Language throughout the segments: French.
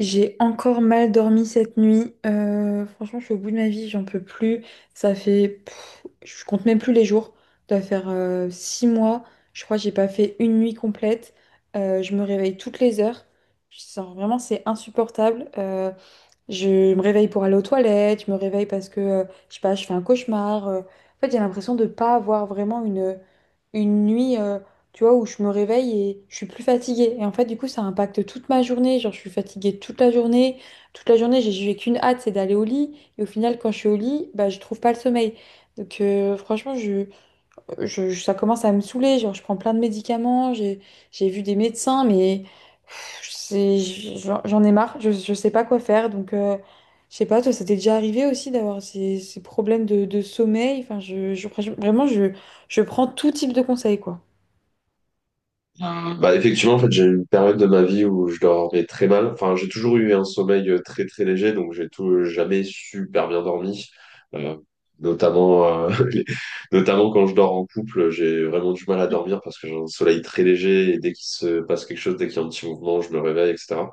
J'ai encore mal dormi cette nuit. Franchement, je suis au bout de ma vie, j'en peux plus. Ça fait, je compte même plus les jours. Ça doit faire 6 mois. Je crois que j'ai pas fait une nuit complète. Je me réveille toutes les heures. Vraiment, c'est insupportable. Je me réveille pour aller aux toilettes, je me réveille parce que, je sais pas, je fais un cauchemar. En fait, j'ai l'impression de pas avoir vraiment une nuit, tu vois, où je me réveille et je suis plus fatiguée. Et en fait, du coup, ça impacte toute ma journée. Genre, je suis fatiguée toute la journée. Toute la journée, j'ai qu'une hâte, c'est d'aller au lit. Et au final, quand je suis au lit, bah, je trouve pas le sommeil. Donc, franchement, ça commence à me saouler. Genre, je prends plein de médicaments, j'ai vu des médecins, mais pff, c'est- j'en ai marre. Je sais pas quoi faire. Donc, je sais pas, toi, ça t'est déjà arrivé aussi d'avoir ces problèmes de sommeil. Enfin, vraiment, je prends tout type de conseils, quoi. Enfin, bah effectivement, en fait, j'ai eu une période de ma vie où je dormais très mal. Enfin, j'ai toujours eu un sommeil très très léger, donc j'ai tout jamais super bien dormi. Euh, notamment, euh, les- notamment quand je dors en couple, j'ai vraiment du mal à dormir parce que j'ai un sommeil très léger et dès qu'il se passe quelque chose, dès qu'il y a un petit mouvement, je me réveille, etc.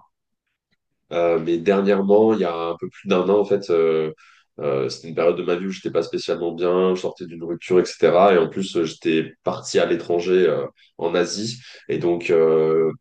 Mais dernièrement, il y a un peu plus d'un an, en fait, c'était une période de ma vie où j'étais pas spécialement bien, je sortais d'une rupture, etc. Et en plus, j'étais parti à l'étranger, en Asie. Et donc,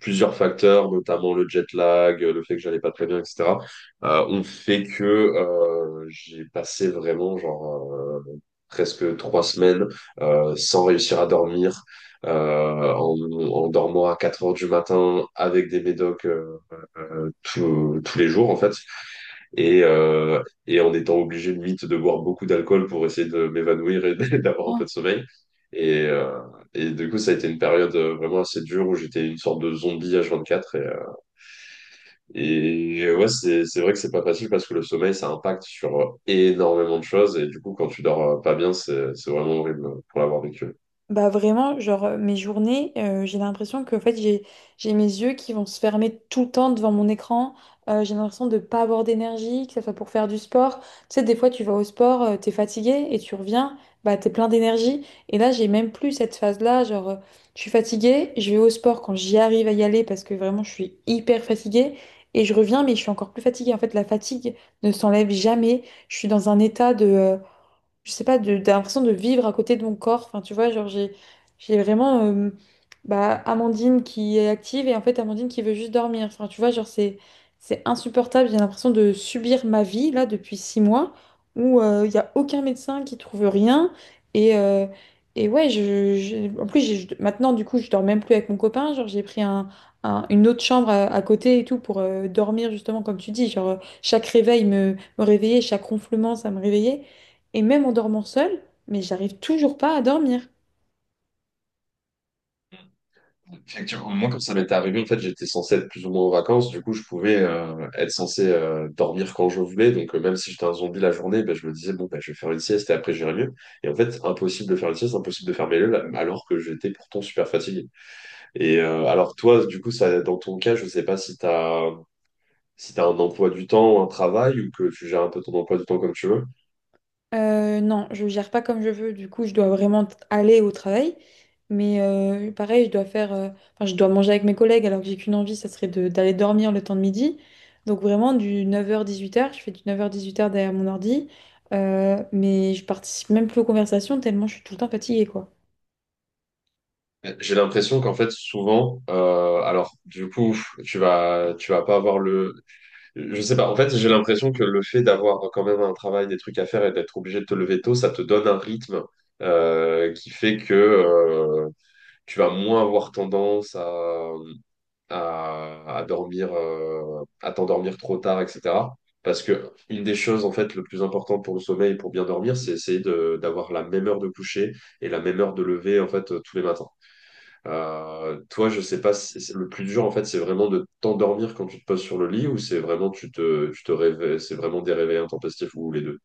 plusieurs facteurs, notamment le jet lag, le fait que j'allais pas très bien, etc., ont fait que j'ai passé vraiment, genre, presque 3 semaines sans réussir à dormir. euh, en, En dormant à 4 heures du matin avec des médocs tous les jours en fait. Et en étant obligé limite de boire beaucoup d'alcool pour essayer de m'évanouir et d'avoir un peu de sommeil. Et, euh, et du coup, ça a été une période vraiment assez dure où j'étais une sorte de zombie H24. Et ouais, c'est vrai que c'est pas facile parce que le sommeil, ça impacte sur énormément de choses. Et du coup, quand tu dors pas bien, c'est vraiment horrible pour l'avoir vécu. Bah vraiment, genre mes journées, j'ai l'impression que en fait j'ai mes yeux qui vont se fermer tout le temps devant mon écran. J'ai l'impression de pas avoir d'énergie, que ça soit pour faire du sport. Tu sais, des fois tu vas au sport, t'es fatigué et tu reviens, bah t'es plein d'énergie. Et là j'ai même plus cette phase-là, genre je suis fatiguée, je vais au sport quand j'y arrive à y aller parce que vraiment je suis hyper fatiguée et je reviens mais je suis encore plus fatiguée. En fait la fatigue ne s'enlève jamais. Je suis dans un état de je sais pas, de l'impression de vivre à côté de mon corps. Enfin, tu vois, genre, j'ai vraiment bah, Amandine qui est active et en fait Amandine qui veut juste dormir. Enfin, tu vois, genre, c'est insupportable. J'ai l'impression de subir ma vie là depuis 6 mois où il n'y a aucun médecin qui trouve rien. Et, euh, et ouais, en plus, maintenant, du coup, je dors même plus avec mon copain. Genre, j'ai pris un. Un- une autre chambre à côté et tout pour dormir, justement, comme tu dis, genre chaque réveil me réveillait, chaque ronflement ça me réveillait. Et même en dormant seule, mais j'arrive toujours pas à dormir. Effectivement, moi, quand ça m'était arrivé, en fait, j'étais censé être plus ou moins en vacances. Du coup, je pouvais être censé dormir quand je voulais. Donc, même si j'étais un zombie la journée, ben, je me disais, bon, ben, je vais faire une sieste et après, j'irai mieux. Et en fait, impossible de faire une sieste, impossible de faire mes leux, alors que j'étais pourtant super fatigué. Et alors, toi, du coup, ça, dans ton cas, je sais pas si t'as un emploi du temps, un travail, ou que tu gères un peu ton emploi du temps comme tu veux. Non, je gère pas comme je veux, du coup, je dois vraiment aller au travail. Mais pareil, je dois faire, enfin, je dois manger avec mes collègues alors que j'ai qu'une envie, ça serait d'aller dormir le temps de midi. Donc vraiment, du 9h-18h, je fais du 9h-18h derrière mon ordi. Mais je participe même plus aux conversations tellement je suis tout le temps fatiguée, quoi. J'ai l'impression qu'en fait, souvent, alors, du coup, tu vas pas avoir je sais pas. En fait, j'ai l'impression que le fait d'avoir quand même un travail, des trucs à faire et d'être obligé de te lever tôt, ça te donne un rythme qui fait que tu vas moins avoir tendance à dormir, à t'endormir trop tard, etc. Parce que une des choses, en fait, le plus important pour le sommeil, et pour bien dormir, c'est essayer d'avoir la même heure de coucher et la même heure de lever, en fait, tous les matins. Toi, je sais pas, le plus dur en fait, c'est vraiment de t'endormir quand tu te poses sur le lit ou c'est vraiment tu te réveilles, c'est vraiment des réveils intempestifs ou les deux.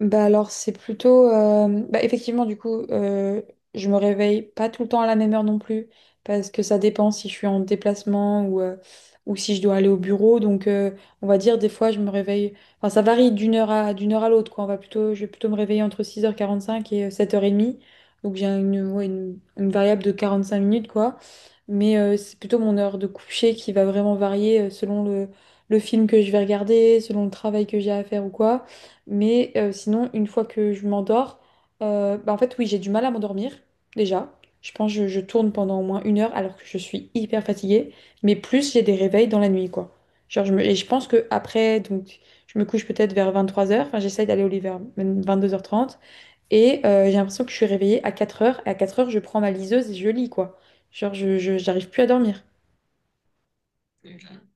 Bah alors c'est plutôt bah, effectivement, du coup je me réveille pas tout le temps à la même heure non plus, parce que ça dépend si je suis en déplacement ou si je dois aller au bureau. Donc on va dire, des fois je me réveille, enfin ça varie d'une heure à l'autre, quoi. On va plutôt Je vais plutôt me réveiller entre 6h45 et 7h30. Donc j'ai ouais, une variable de 45 minutes, quoi. Mais c'est plutôt mon heure de coucher qui va vraiment varier selon le film que je vais regarder, selon le travail que j'ai à faire ou quoi. Mais sinon, une fois que je m'endors, bah, en fait, oui, j'ai du mal à m'endormir, déjà. Je pense que je tourne pendant au moins une heure alors que je suis hyper fatiguée. Mais plus, j'ai des réveils dans la nuit, quoi. Et je pense que après, donc, je me couche peut-être vers 23 heures. Enfin, j'essaye d'aller au lit vers 22h30. Et j'ai l'impression que je suis réveillée à 4 heures. Et à 4 heures je prends ma liseuse et je lis, quoi. Genre, j'arrive plus à dormir. Ok.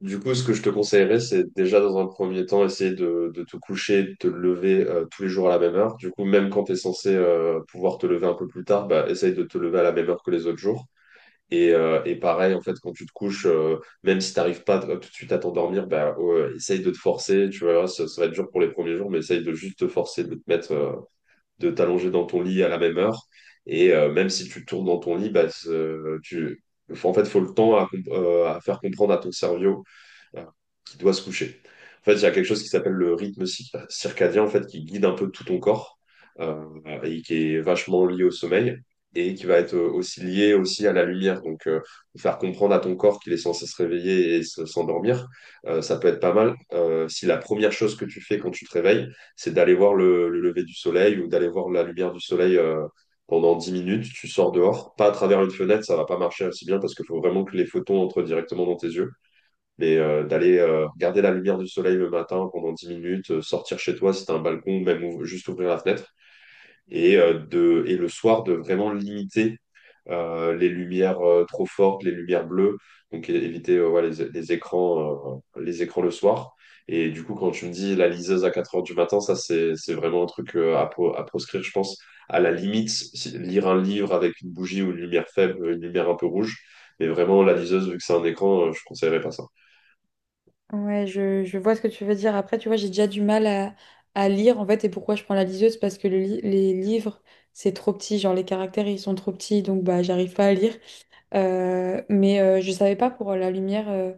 Du coup, ce que je te conseillerais, c'est déjà dans un premier temps, essayer de te coucher, de te lever tous les jours à la même heure. Du coup, même quand tu es censé pouvoir te lever un peu plus tard, bah, essaye de te lever à la même heure que les autres jours. Et pareil, en fait, quand tu te couches, même si tu n'arrives pas tout de suite à t'endormir, bah, ouais, essaye de te forcer. Tu vois, ça va être dur pour les premiers jours, mais essaye de juste te forcer, de te mettre de t'allonger dans ton lit à la même heure. Et même si tu tournes dans ton lit, bah, tu, en fait, faut le temps à, à faire comprendre à ton cerveau euh, qui doit se coucher. En fait, il y a quelque chose qui s'appelle le rythme circadien, en fait, qui guide un peu tout ton corps euh, et qui est vachement lié au sommeil et qui va être aussi lié aussi à la lumière. Donc, faire comprendre à ton corps qu'il est censé se réveiller et s'endormir, ça peut être pas mal. Si la première chose que tu fais quand tu te réveilles, c'est d'aller voir le lever du soleil ou d'aller voir la lumière du soleil pendant 10 minutes, tu sors dehors, pas à travers une fenêtre, ça va pas marcher aussi bien parce qu'il faut vraiment que les photons entrent directement dans tes yeux. Mais d'aller regarder la lumière du soleil le matin pendant 10 minutes, sortir chez toi si t'as un balcon, même juste ouvrir la fenêtre, et le soir de vraiment limiter les lumières trop fortes, les lumières bleues, donc éviter ouais, les écrans le soir. Et du coup, quand tu me dis la liseuse à 4 heures du matin, ça c'est vraiment un truc à proscrire, je pense. À la limite, lire un livre avec une bougie ou une lumière faible, une lumière un peu rouge, mais vraiment la liseuse, vu que c'est un écran, je conseillerais pas ça. Ouais, je vois ce que tu veux dire. Après, tu vois, j'ai déjà du mal à lire, en fait, et pourquoi je prends la liseuse? Parce que les livres, c'est trop petit, genre les caractères, ils sont trop petits, donc bah, j'arrive pas à lire. Je savais pas pour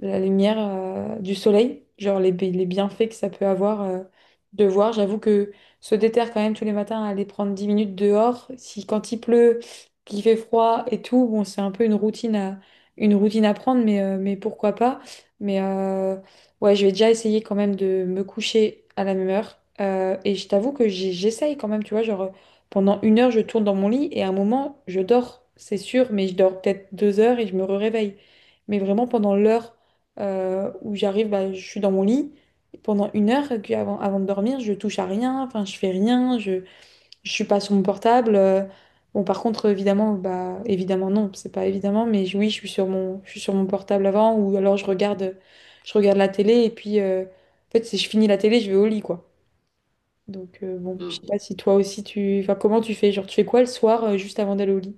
la lumière du soleil, genre les bienfaits que ça peut avoir de voir. J'avoue que se déterre quand même tous les matins à aller prendre 10 minutes dehors. Si quand il pleut, qu'il fait froid et tout, bon, c'est un peu une routine une routine à prendre, mais pourquoi pas. Mais ouais, je vais déjà essayer quand même de me coucher à la même heure. Et je t'avoue que j'essaye quand même, tu vois, genre. Pendant une heure, je tourne dans mon lit et à un moment, je dors, c'est sûr, mais je dors peut-être 2 heures et je me réveille. Mais vraiment, pendant l'heure où j'arrive, bah, je suis dans mon lit. Et pendant une heure, et puis avant, avant de dormir, je touche à rien, enfin, je fais rien, je suis pas sur mon portable. Bon, par contre, évidemment, bah, évidemment, non, c'est pas évidemment, oui, je suis je suis sur mon portable avant, ou alors je regarde la télé, et puis, en fait, si je finis la télé, je vais au lit, quoi. Donc bon, je Hmm. sais pas si toi aussi tu... Enfin, comment tu fais? Genre, tu fais quoi le soir juste avant d'aller au lit?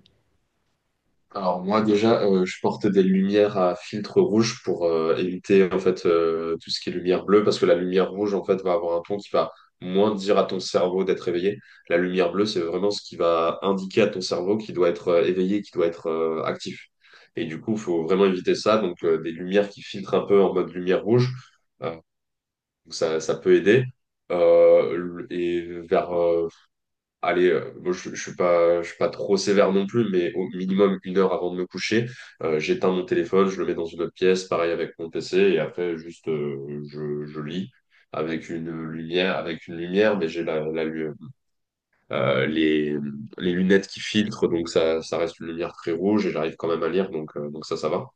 Alors moi déjà, je porte des lumières à filtre rouge pour éviter en fait tout ce qui est lumière bleue parce que la lumière rouge en fait va avoir un ton qui va moins dire à ton cerveau d'être éveillé. La lumière bleue, c'est vraiment ce qui va indiquer à ton cerveau qu'il doit être éveillé, qu'il doit être actif. Et du coup, il faut vraiment éviter ça. Donc des lumières qui filtrent un peu en mode lumière rouge, euh, donc ça peut aider. Euh, et vers euh, Moi je suis pas trop sévère non plus, mais au minimum une heure avant de me coucher, j'éteins mon téléphone, je le mets dans une autre pièce, pareil avec mon PC, et après juste je lis avec une lumière, mais j'ai euh, les, les lunettes qui filtrent, donc ça reste une lumière très rouge et j'arrive quand même à lire, donc ça va.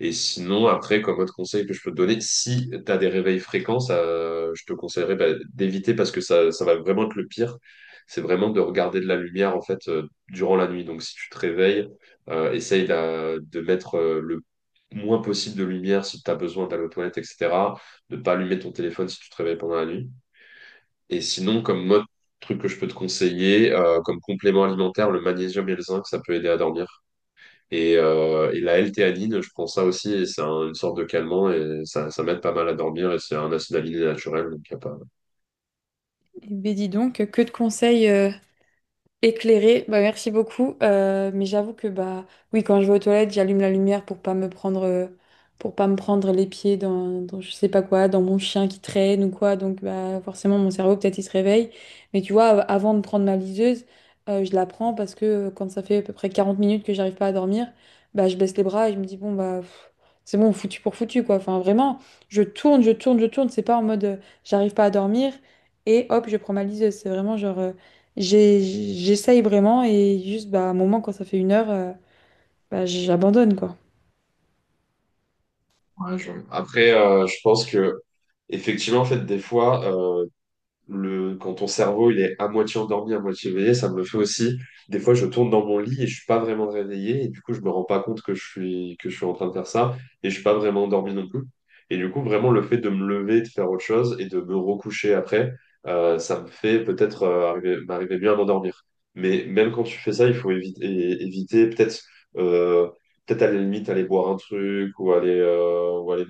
Et sinon, après, comme autre conseil que je peux te donner, si tu as des réveils fréquents, ça, je te conseillerais bah, d'éviter parce que ça va vraiment être le pire. C'est vraiment de regarder de la lumière en fait durant la nuit. Donc, si tu te réveilles, essaye de mettre le moins possible de lumière si tu as besoin d'aller aux toilettes, etc. De ne pas allumer ton téléphone si tu te réveilles pendant la nuit. Et sinon, comme autre truc que je peux te conseiller, comme complément alimentaire, le magnésium et le zinc, ça peut aider à dormir. Et la L-théanine, je prends ça aussi, et c'est une sorte de calmant, et ça m'aide pas mal à dormir, et c'est un acide aminé naturel, donc y a pas... Eh ben dis donc, que de conseils éclairé, bah merci beaucoup. Mais j'avoue que bah oui, quand je vais aux toilettes, j'allume la lumière pour pas me prendre pour pas me prendre les pieds dans je sais pas quoi, dans mon chien qui traîne ou quoi. Donc bah forcément mon cerveau peut-être il se réveille. Mais tu vois, avant de prendre ma liseuse, je la prends parce que quand ça fait à peu près 40 minutes que j'arrive pas à dormir, bah je baisse les bras et je me dis bon bah pff, c'est bon, foutu pour foutu, quoi. Enfin vraiment, je tourne, je tourne, je tourne. C'est pas en mode j'arrive pas à dormir et hop, je prends ma liseuse. C'est vraiment genre j'ai- j'essaye vraiment, et juste, bah, à un moment, quand ça fait une heure, bah, j'abandonne, quoi. Ouais, après, je pense que, effectivement, en fait, des fois, quand ton cerveau il est à moitié endormi, à moitié éveillé, ça me le fait aussi. Des fois, je tourne dans mon lit et je suis pas vraiment réveillé et du coup, je me rends pas compte que je suis en train de faire ça et je suis pas vraiment endormi non plus. Et du coup, vraiment le fait de me lever, de faire autre chose et de me recoucher après, ça me fait peut-être m'arriver bien à m'endormir. Mais même quand tu fais ça, il faut éviter, peut-être euh, à la limite aller boire un truc ou aller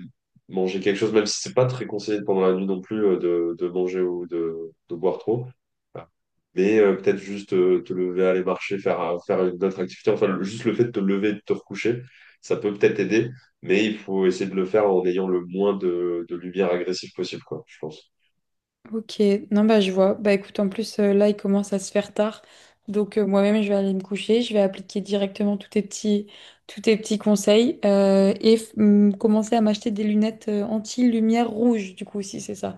manger quelque chose, même si c'est pas très conseillé pendant la nuit non plus de manger ou de boire trop. Voilà. Mais peut-être juste te lever, aller marcher, faire une autre activité. Enfin, juste le fait de te lever et de te recoucher, ça peut peut-être aider, mais il faut essayer de le faire en ayant le moins de lumière agressive possible, quoi, je pense. Ok, non, bah, je vois. Bah, écoute, en plus, là, il commence à se faire tard. Donc, moi-même, je vais aller me coucher. Je vais appliquer directement tous tes petits conseils et commencer à m'acheter des lunettes anti-lumière rouge, du coup, si c'est ça.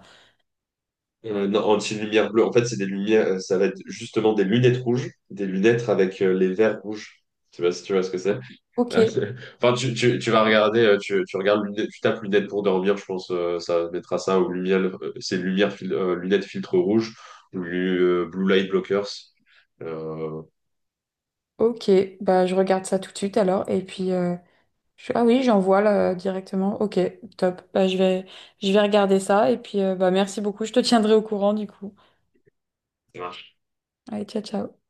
Non, anti-lumière bleue, en fait, c'est des lumières, ça va être justement des lunettes rouges, des lunettes avec les verres rouges. Je sais pas si tu vois ce que c'est. Ok, Ah, c'est- enfin, tu vas regarder, tu regardes lunettes, tu tapes lunettes pour dormir, je pense, ça mettra ça aux lumières, lunettes filtre rouge, ou blue light blockers. Euh, ok. Bah, je regarde ça tout de suite, alors. Et puis, ah oui, j'envoie là directement. Ok, top. Bah, je vais regarder ça, et puis bah, merci beaucoup. Je te tiendrai au courant, du coup. Allez, ciao, ciao.